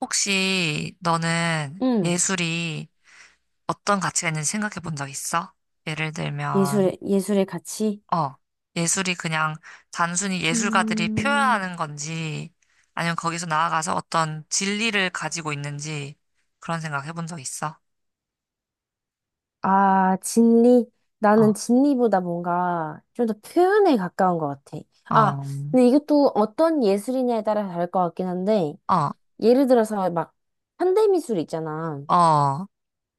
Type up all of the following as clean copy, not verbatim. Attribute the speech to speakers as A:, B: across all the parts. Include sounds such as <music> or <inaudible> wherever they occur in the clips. A: 혹시 너는
B: 응.
A: 예술이 어떤 가치가 있는지 생각해 본 적 있어? 예를 들면,
B: 예술의 가치?
A: 어, 예술이 그냥 단순히 예술가들이
B: 음,
A: 표현하는 건지, 아니면 거기서 나아가서 어떤 진리를 가지고 있는지, 그런 생각 해본 적 있어?
B: 아, 진리? 나는
A: 어,
B: 진리보다 뭔가 좀 더 표현에 가까운 것 같아. 아,
A: 어,
B: 근데 이것도 어떤 예술이냐에 따라 다를 것 같긴 한데,
A: 어,
B: 예를 들어서 막 현대미술 있잖아.
A: 어,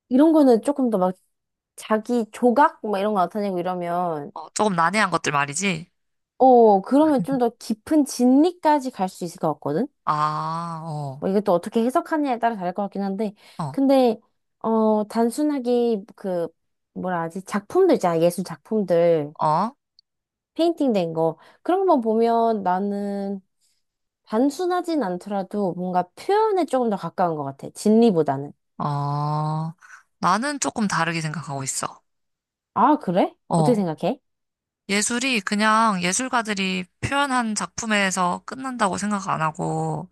B: 이런 거는 조금 더 막 자기 조각? 막 이런 거 나타내고 이러면,
A: 어, 조금 난해한 것들 말이지?
B: 어, 그러면 좀 더 깊은 진리까지 갈 수 있을 것 같거든?
A: 아, 어,
B: 뭐 이게 또 어떻게 해석하느냐에 따라 다를 것 같긴 한데,
A: 어,
B: 근데, 단순하게 그, 뭐라 하지, 작품들 있잖아, 예술 작품들,
A: 어,
B: 페인팅 된 거. 그런 것만 보면 나는 단순하진 않더라도 뭔가 표현에 조금 더 가까운 것 같아. 진리보다는.
A: 어, 나는 조금 다르게 생각하고 있어.
B: 아, 그래? 어떻게
A: 어,
B: 생각해?
A: 예술이 그냥 예술가들이 표현한 작품에서 끝난다고 생각 안 하고,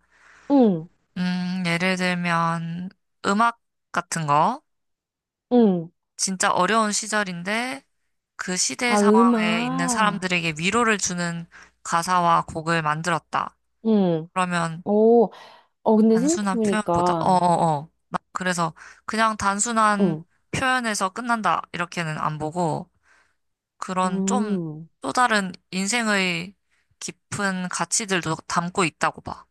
B: 응,
A: 예를 들면 음악 같은 거,
B: 응.
A: 진짜 어려운 시절인데 그 시대
B: 아,
A: 상황에 있는
B: 음악.
A: 사람들에게 위로를 주는 가사와 곡을 만들었다.
B: 응.
A: 그러면
B: 오, 어, 근데
A: 단순한 표현보다,
B: 생각해보니까,
A: 그래서 그냥 단순한
B: 응.
A: 표현에서 끝난다. 이렇게는 안 보고, 그런 좀
B: 음.
A: 또 다른 인생의 깊은 가치들도 담고 있다고 봐.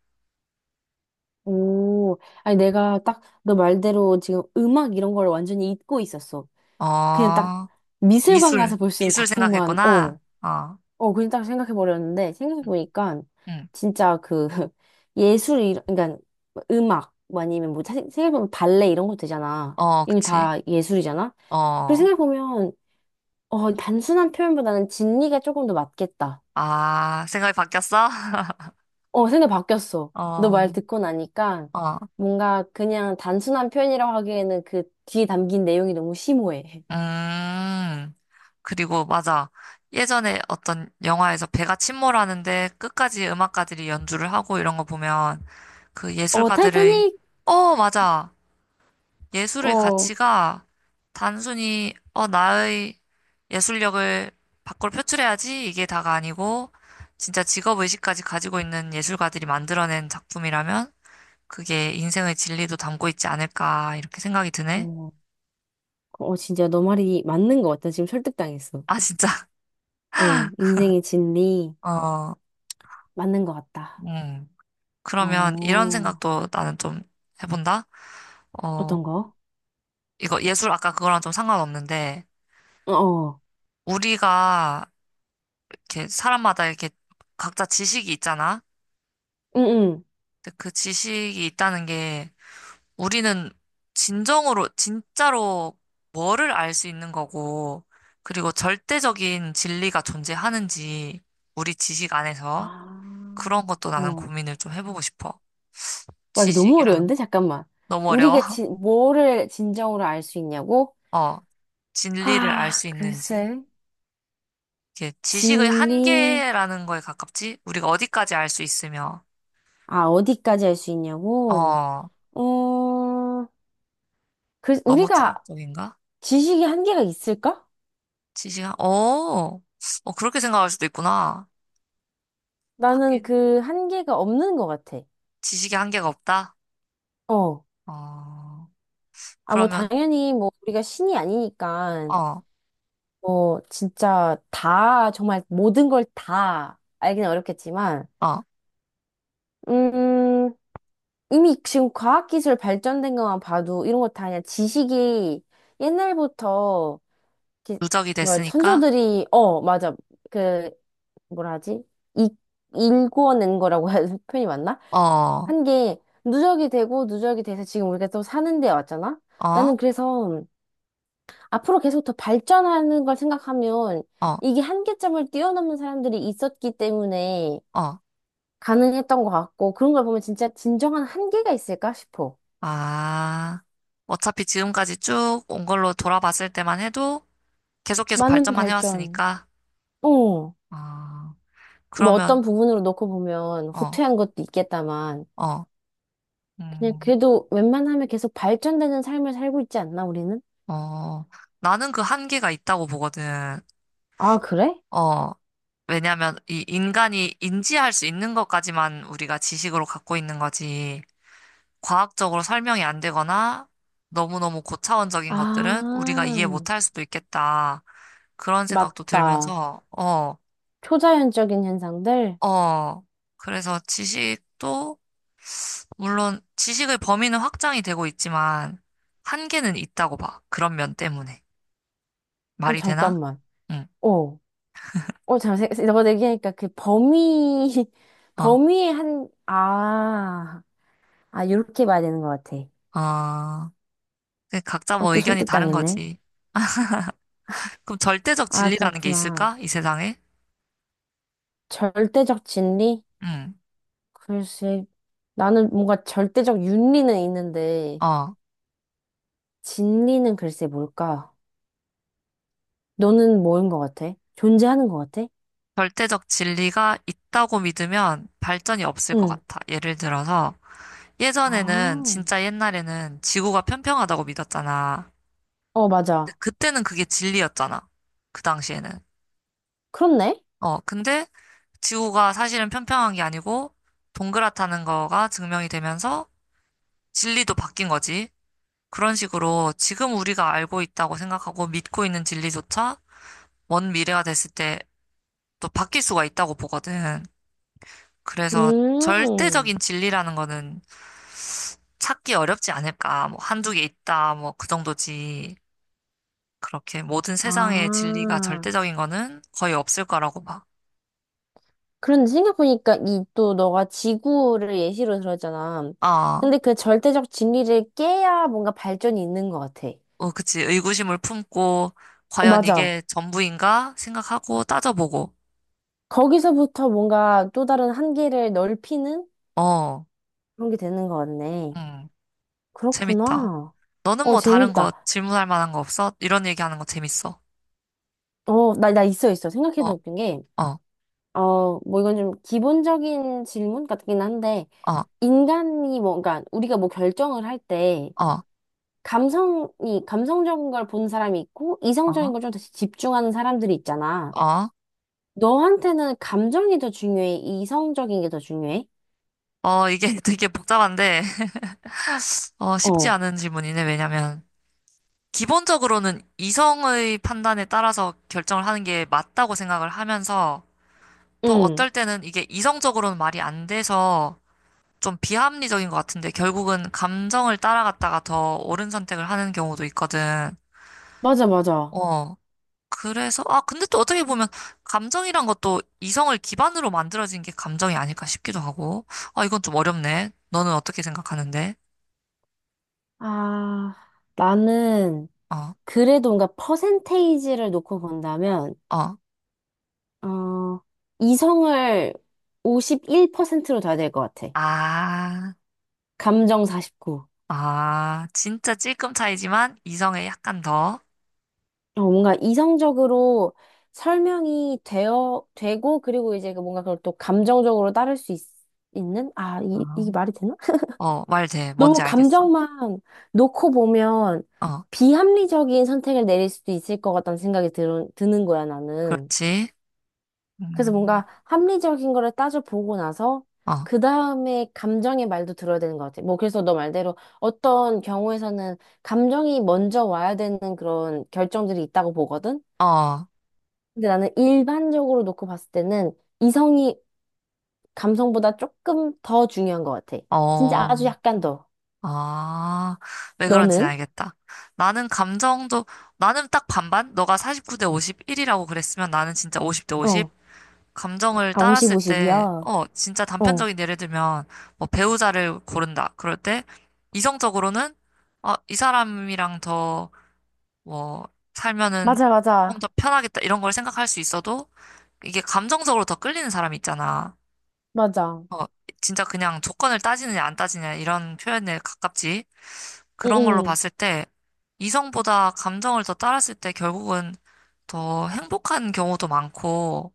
B: 오, 아니 내가 딱 너 말대로 지금 음악 이런 걸 완전히 잊고 있었어. 그냥 딱
A: 어,
B: 미술관
A: 미술,
B: 가서 볼 수 있는
A: 미술
B: 작품만,
A: 생각했구나.
B: 어,
A: 어,
B: 어, 그냥 딱 생각해 버렸는데
A: 응,
B: 생각해보니까
A: 응.
B: 진짜 그 <laughs> 예술, 그러니까 음악 뭐 아니면 뭐 사 생각해보면 발레 이런 것도 되잖아.
A: 어,
B: 이게
A: 그치.
B: 다 예술이잖아. 그리고
A: 어,
B: 생각해보면 어, 단순한 표현보다는 진리가 조금 더 맞겠다.
A: 아, 생각이 바뀌었어? <laughs>
B: 어, 생각 바뀌었어. 너
A: 어,
B: 말 듣고 나니까
A: 어,
B: 뭔가 그냥 단순한 표현이라고 하기에는 그 뒤에 담긴 내용이 너무 심오해.
A: 음. 그리고 맞아. 예전에 어떤 영화에서 배가 침몰하는데 끝까지 음악가들이 연주를 하고 이런 거 보면 그
B: 어,
A: 예술가들의,
B: 타이타닉!
A: 어, 맞아. 예술의
B: 어,
A: 가치가 단순히, 어, 나의 예술력을 밖으로 표출해야지 이게 다가 아니고, 진짜 직업의식까지 가지고 있는 예술가들이 만들어낸 작품이라면, 그게 인생의 진리도 담고 있지 않을까, 이렇게 생각이 드네.
B: 어, 어, 진짜 너 말이 맞는 것 같다. 지금 설득당했어.
A: 아, 진짜. <laughs>
B: 어, 인생의 진리
A: 어,
B: 맞는 것 같다.
A: 음. 그러면 이런
B: 어,
A: 생각도 나는 좀 해본다? 어,
B: 어떤 거?
A: 이거 예술 아까 그거랑 좀 상관없는데,
B: 어, 어,
A: 우리가 이렇게 사람마다 이렇게 각자 지식이 있잖아.
B: 응, 응.
A: 근데 그 지식이 있다는 게 우리는 진정으로, 진짜로 뭐를 알 수 있는 거고, 그리고 절대적인 진리가 존재하는지, 우리 지식 안에서
B: 아,
A: 그런 것도 나는
B: 어.
A: 고민을 좀 해보고 싶어.
B: 와, 이게 너무
A: 지식이라는
B: 어려운데?
A: 거.
B: 잠깐만.
A: 너무 어려워.
B: 우리가
A: <laughs>
B: 뭐를 진정으로 알 수 있냐고?
A: 어, 진리를 알
B: 아,
A: 수 있는지.
B: 글쎄.
A: 이게 지식의
B: 진리.
A: 한계라는 거에 가깝지? 우리가 어디까지 알 수 있으며,
B: 아, 어디까지 할 수 있냐고?
A: 어,
B: 어, 그,
A: 너무
B: 우리가
A: 철학적인가?
B: 지식이 한계가 있을까?
A: 어, 어, 그렇게 생각할 수도 있구나.
B: 나는 그 한계가 없는 것 같아.
A: 지식의 한계가 없다?
B: 어.
A: 어,
B: 아, 뭐,
A: 그러면,
B: 당연히, 뭐, 우리가 신이 아니니까,
A: 어,
B: 뭐, 진짜 다, 정말 모든 걸 다 알기는 어렵겠지만,
A: 어,
B: 음, 이미 지금 과학기술 발전된 것만 봐도 이런 거 다 그냥 지식이 옛날부터, 이렇게
A: 누적이
B: 뭐,
A: 됐으니까,
B: 선조들이, 어, 맞아. 그, 뭐라 하지? 이, 일궈낸 거라고 해야 <laughs> 표현이 맞나?
A: 어, 어,
B: 한 게 누적이 되고 누적이 돼서 지금 우리가 또 사는 데 왔잖아? 나는 그래서 앞으로 계속 더 발전하는 걸 생각하면
A: 어,
B: 이게 한계점을 뛰어넘는 사람들이 있었기 때문에
A: 어,
B: 가능했던 것 같고 그런 걸 보면 진짜 진정한 한계가 있을까 싶어.
A: 아. 어차피 지금까지 쭉 온 걸로 돌아봤을 때만 해도 계속 계속
B: 많은
A: 발전만
B: 발전.
A: 해왔으니까,
B: 어.
A: 어,
B: 뭐 어떤
A: 그러면,
B: 부분으로 놓고 보면
A: 어,
B: 후퇴한 것도 있겠다만
A: 어,
B: 그냥
A: 음,
B: 그래도 웬만하면 계속 발전되는 삶을 살고 있지 않나 우리는?
A: 어, 나는 그 한계가 있다고 보거든.
B: 아, 그래?
A: 어, 왜냐면 이 인간이 인지할 수 있는 것까지만 우리가 지식으로 갖고 있는 거지. 과학적으로 설명이 안 되거나 너무너무 고차원적인 것들은 우리가
B: 아,
A: 이해 못할 수도 있겠다. 그런 생각도
B: 맞다.
A: 들면서, 어,
B: 초자연적인 현상들?
A: 어. 그래서 지식도, 물론 지식의 범위는 확장이 되고 있지만, 한계는 있다고 봐. 그런 면 때문에.
B: 어,
A: 말이 되나?
B: 잠깐만.
A: 응,
B: 어, 어, 너가 얘기하니까 그 범위, <laughs>
A: 어,
B: 범위의 요렇게 봐야 되는 것 같아.
A: 어. 근데 각자
B: 어,
A: 뭐
B: 또
A: 의견이 다른
B: 설득당했네.
A: 거지. 그럼 절대적
B: 아,
A: 진리라는 게
B: 그렇구나.
A: 있을까? 이 세상에?
B: 절대적 진리?
A: 응,
B: 글쎄, 나는 뭔가 절대적 윤리는 있는데,
A: 어.
B: 진리는 글쎄 뭘까? 너는 뭐인 것 같아? 존재하는 것 같아?
A: 절대적 진리가 있다고 믿으면 발전이 없을 것
B: 응.
A: 같아. 예를 들어서 예전에는
B: 아,
A: 진짜 옛날에는 지구가 평평하다고 믿었잖아.
B: 어, 맞아.
A: 근데 그때는 그게 진리였잖아. 그 당시에는.
B: 그렇네.
A: 어, 근데 지구가 사실은 평평한 게 아니고 동그랗다는 거가 증명이 되면서 진리도 바뀐 거지. 그런 식으로 지금 우리가 알고 있다고 생각하고 믿고 있는 진리조차 먼 미래가 됐을 때 또 바뀔 수가 있다고 보거든. 그래서
B: 음.
A: 절대적인 진리라는 거는 찾기 어렵지 않을까. 뭐 한두 개 있다. 뭐 그 정도지. 그렇게 모든 세상의 진리가
B: 아.
A: 절대적인 거는 거의 없을 거라고 막.
B: 그런데 생각해보니까 이 또 너가 지구를 예시로 들었잖아.
A: 아,
B: 근데 그 절대적 진리를 깨야 뭔가 발전이 있는 것 같아.
A: 어, 그치. 의구심을 품고
B: 어,
A: 과연
B: 맞아.
A: 이게 전부인가 생각하고 따져보고.
B: 거기서부터 뭔가 또 다른 한계를 넓히는
A: 어,
B: 그런 게 되는 것 같네.
A: 음, 재밌다.
B: 그렇구나.
A: 너는
B: 어,
A: 뭐 다른 거
B: 재밌다.
A: 질문할 만한 거 없어? 이런 얘기하는 거 재밌어.
B: 어, 나 있어, 있어.
A: 어,
B: 생각해도 웃긴 게,
A: 어,
B: 어, 뭐 이건 좀 기본적인 질문 같긴 한데,
A: 어,
B: 인간이 뭔가, 우리가 뭐 결정을 할 때,
A: 어,
B: 감성적인 걸 보는 사람이 있고,
A: 어,
B: 이성적인 걸 좀 더 집중하는 사람들이 있잖아.
A: 어.
B: 너한테는 감정이 더 중요해? 이성적인 게 더 중요해?
A: 어, 이게 <laughs> 되게 복잡한데, <laughs> 어, 쉽지
B: 어,
A: 않은 질문이네. 왜냐면, 기본적으로는 이성의 판단에 따라서 결정을 하는 게 맞다고 생각을 하면서 또
B: 응,
A: 어떨 때는 이게 이성적으로는 말이 안 돼서 좀 비합리적인 것 같은데 결국은 감정을 따라갔다가 더 옳은 선택을 하는 경우도 있거든.
B: 맞아, 맞아.
A: 어. 그래서, 아, 근데 또 어떻게 보면 감정이란 것도 이성을 기반으로 만들어진 게 감정이 아닐까 싶기도 하고. 아, 이건 좀 어렵네. 너는 어떻게 생각하는데?
B: 아, 나는,
A: 어,
B: 그래도 뭔가 퍼센테이지를 놓고 본다면,
A: 어.
B: 어, 이성을 51%로 둬야 될 것 같아.
A: 아.
B: 감정 49.
A: 아, 진짜 찔끔 차이지만 이성에 약간 더,
B: 어, 뭔가 이성적으로 설명이 되고, 그리고 이제 그 뭔가 그걸 또 감정적으로 따를 수 있, 는 아, 이게
A: 아,
B: 말이 되나? <laughs>
A: 어, 어, 말 돼. 뭔지
B: 너무
A: 알겠어.
B: 감정만 놓고 보면
A: 어,
B: 비합리적인 선택을 내릴 수도 있을 것 같다는 생각이 드는 거야, 나는.
A: 그렇지.
B: 그래서
A: 음,
B: 뭔가 합리적인 거를 따져보고 나서
A: 어,
B: 그 다음에 감정의 말도 들어야 되는 것 같아. 뭐, 그래서 너 말대로 어떤 경우에서는 감정이 먼저 와야 되는 그런 결정들이 있다고 보거든?
A: 어,
B: 근데 나는 일반적으로 놓고 봤을 때는 이성이 감성보다 조금 더 중요한 것 같아. 진짜
A: 어,
B: 아주 약간 더.
A: 아, 왜 그런지
B: 너는?
A: 알겠다. 나는 감정도, 나는 딱 반반? 너가 49대 51이라고 그랬으면 나는 진짜 50대 50?
B: 어.
A: 감정을
B: 아, 50,
A: 따랐을 때,
B: 50이야.
A: 어, 진짜
B: 어.
A: 단편적인 예를 들면, 뭐 배우자를 고른다. 그럴 때, 이성적으로는, 어, 이 사람이랑 더 뭐, 살면은
B: 맞아,
A: 좀
B: 맞아.
A: 더 편하겠다, 이런 걸 생각할 수 있어도, 이게 감정적으로 더 끌리는 사람 이 있잖아.
B: 맞아.
A: 어, 진짜 그냥 조건을 따지느냐, 안 따지느냐, 이런 표현에 가깝지. 그런 걸로
B: 응,
A: 봤을 때, 이성보다 감정을 더 따랐을 때 결국은 더 행복한 경우도 많고,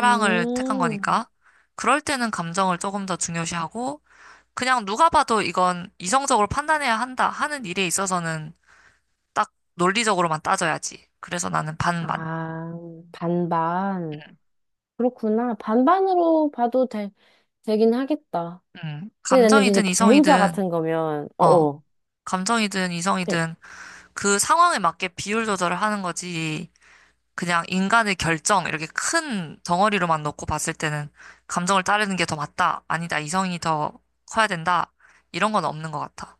B: 응.
A: 택한
B: 음.
A: 거니까. 그럴 때는 감정을 조금 더 중요시하고, 그냥 누가 봐도 이건 이성적으로 판단해야 한다 하는 일에 있어서는 딱 논리적으로만 따져야지. 그래서 나는 반반.
B: 아, 반반. 그렇구나. 반반으로 봐도 되긴 하겠다. 근데 나는 이제
A: 감정이든
B: 배우자
A: 이성이든,
B: 같은 거면,
A: 어,
B: 어어.
A: 감정이든
B: 그,
A: 이성이든 그 상황에 맞게 비율 조절을 하는 거지. 그냥 인간의 결정, 이렇게 큰 덩어리로만 놓고 봤을 때는 감정을 따르는 게 더 맞다. 아니다. 이성이 더 커야 된다. 이런 건 없는 것 같아.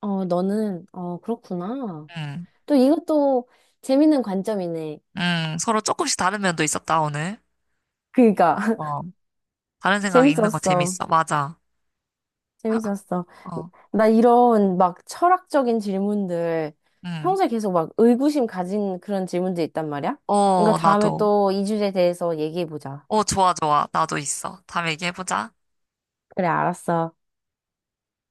B: 어, 너는, 어, 그렇구나.
A: 음,
B: 또 이것도 재밌는 관점이네.
A: 서로 조금씩 다른 면도 있었다, 오늘.
B: 그니까.
A: 어, 다른 생각 읽는 거
B: 재밌었어.
A: 재밌어. 맞아.
B: 재밌었어.
A: 어,
B: 나 이런 막 철학적인 질문들
A: 음.
B: 평소에 계속 막 의구심 가진 그런 질문들 있단 말이야? 이거
A: 어,
B: 다음에
A: 나도.
B: 또 이 주제에 대해서 얘기해보자.
A: 어, 좋아, 좋아. 나도 있어. 다음에 얘기해보자.
B: 그래, 알았어.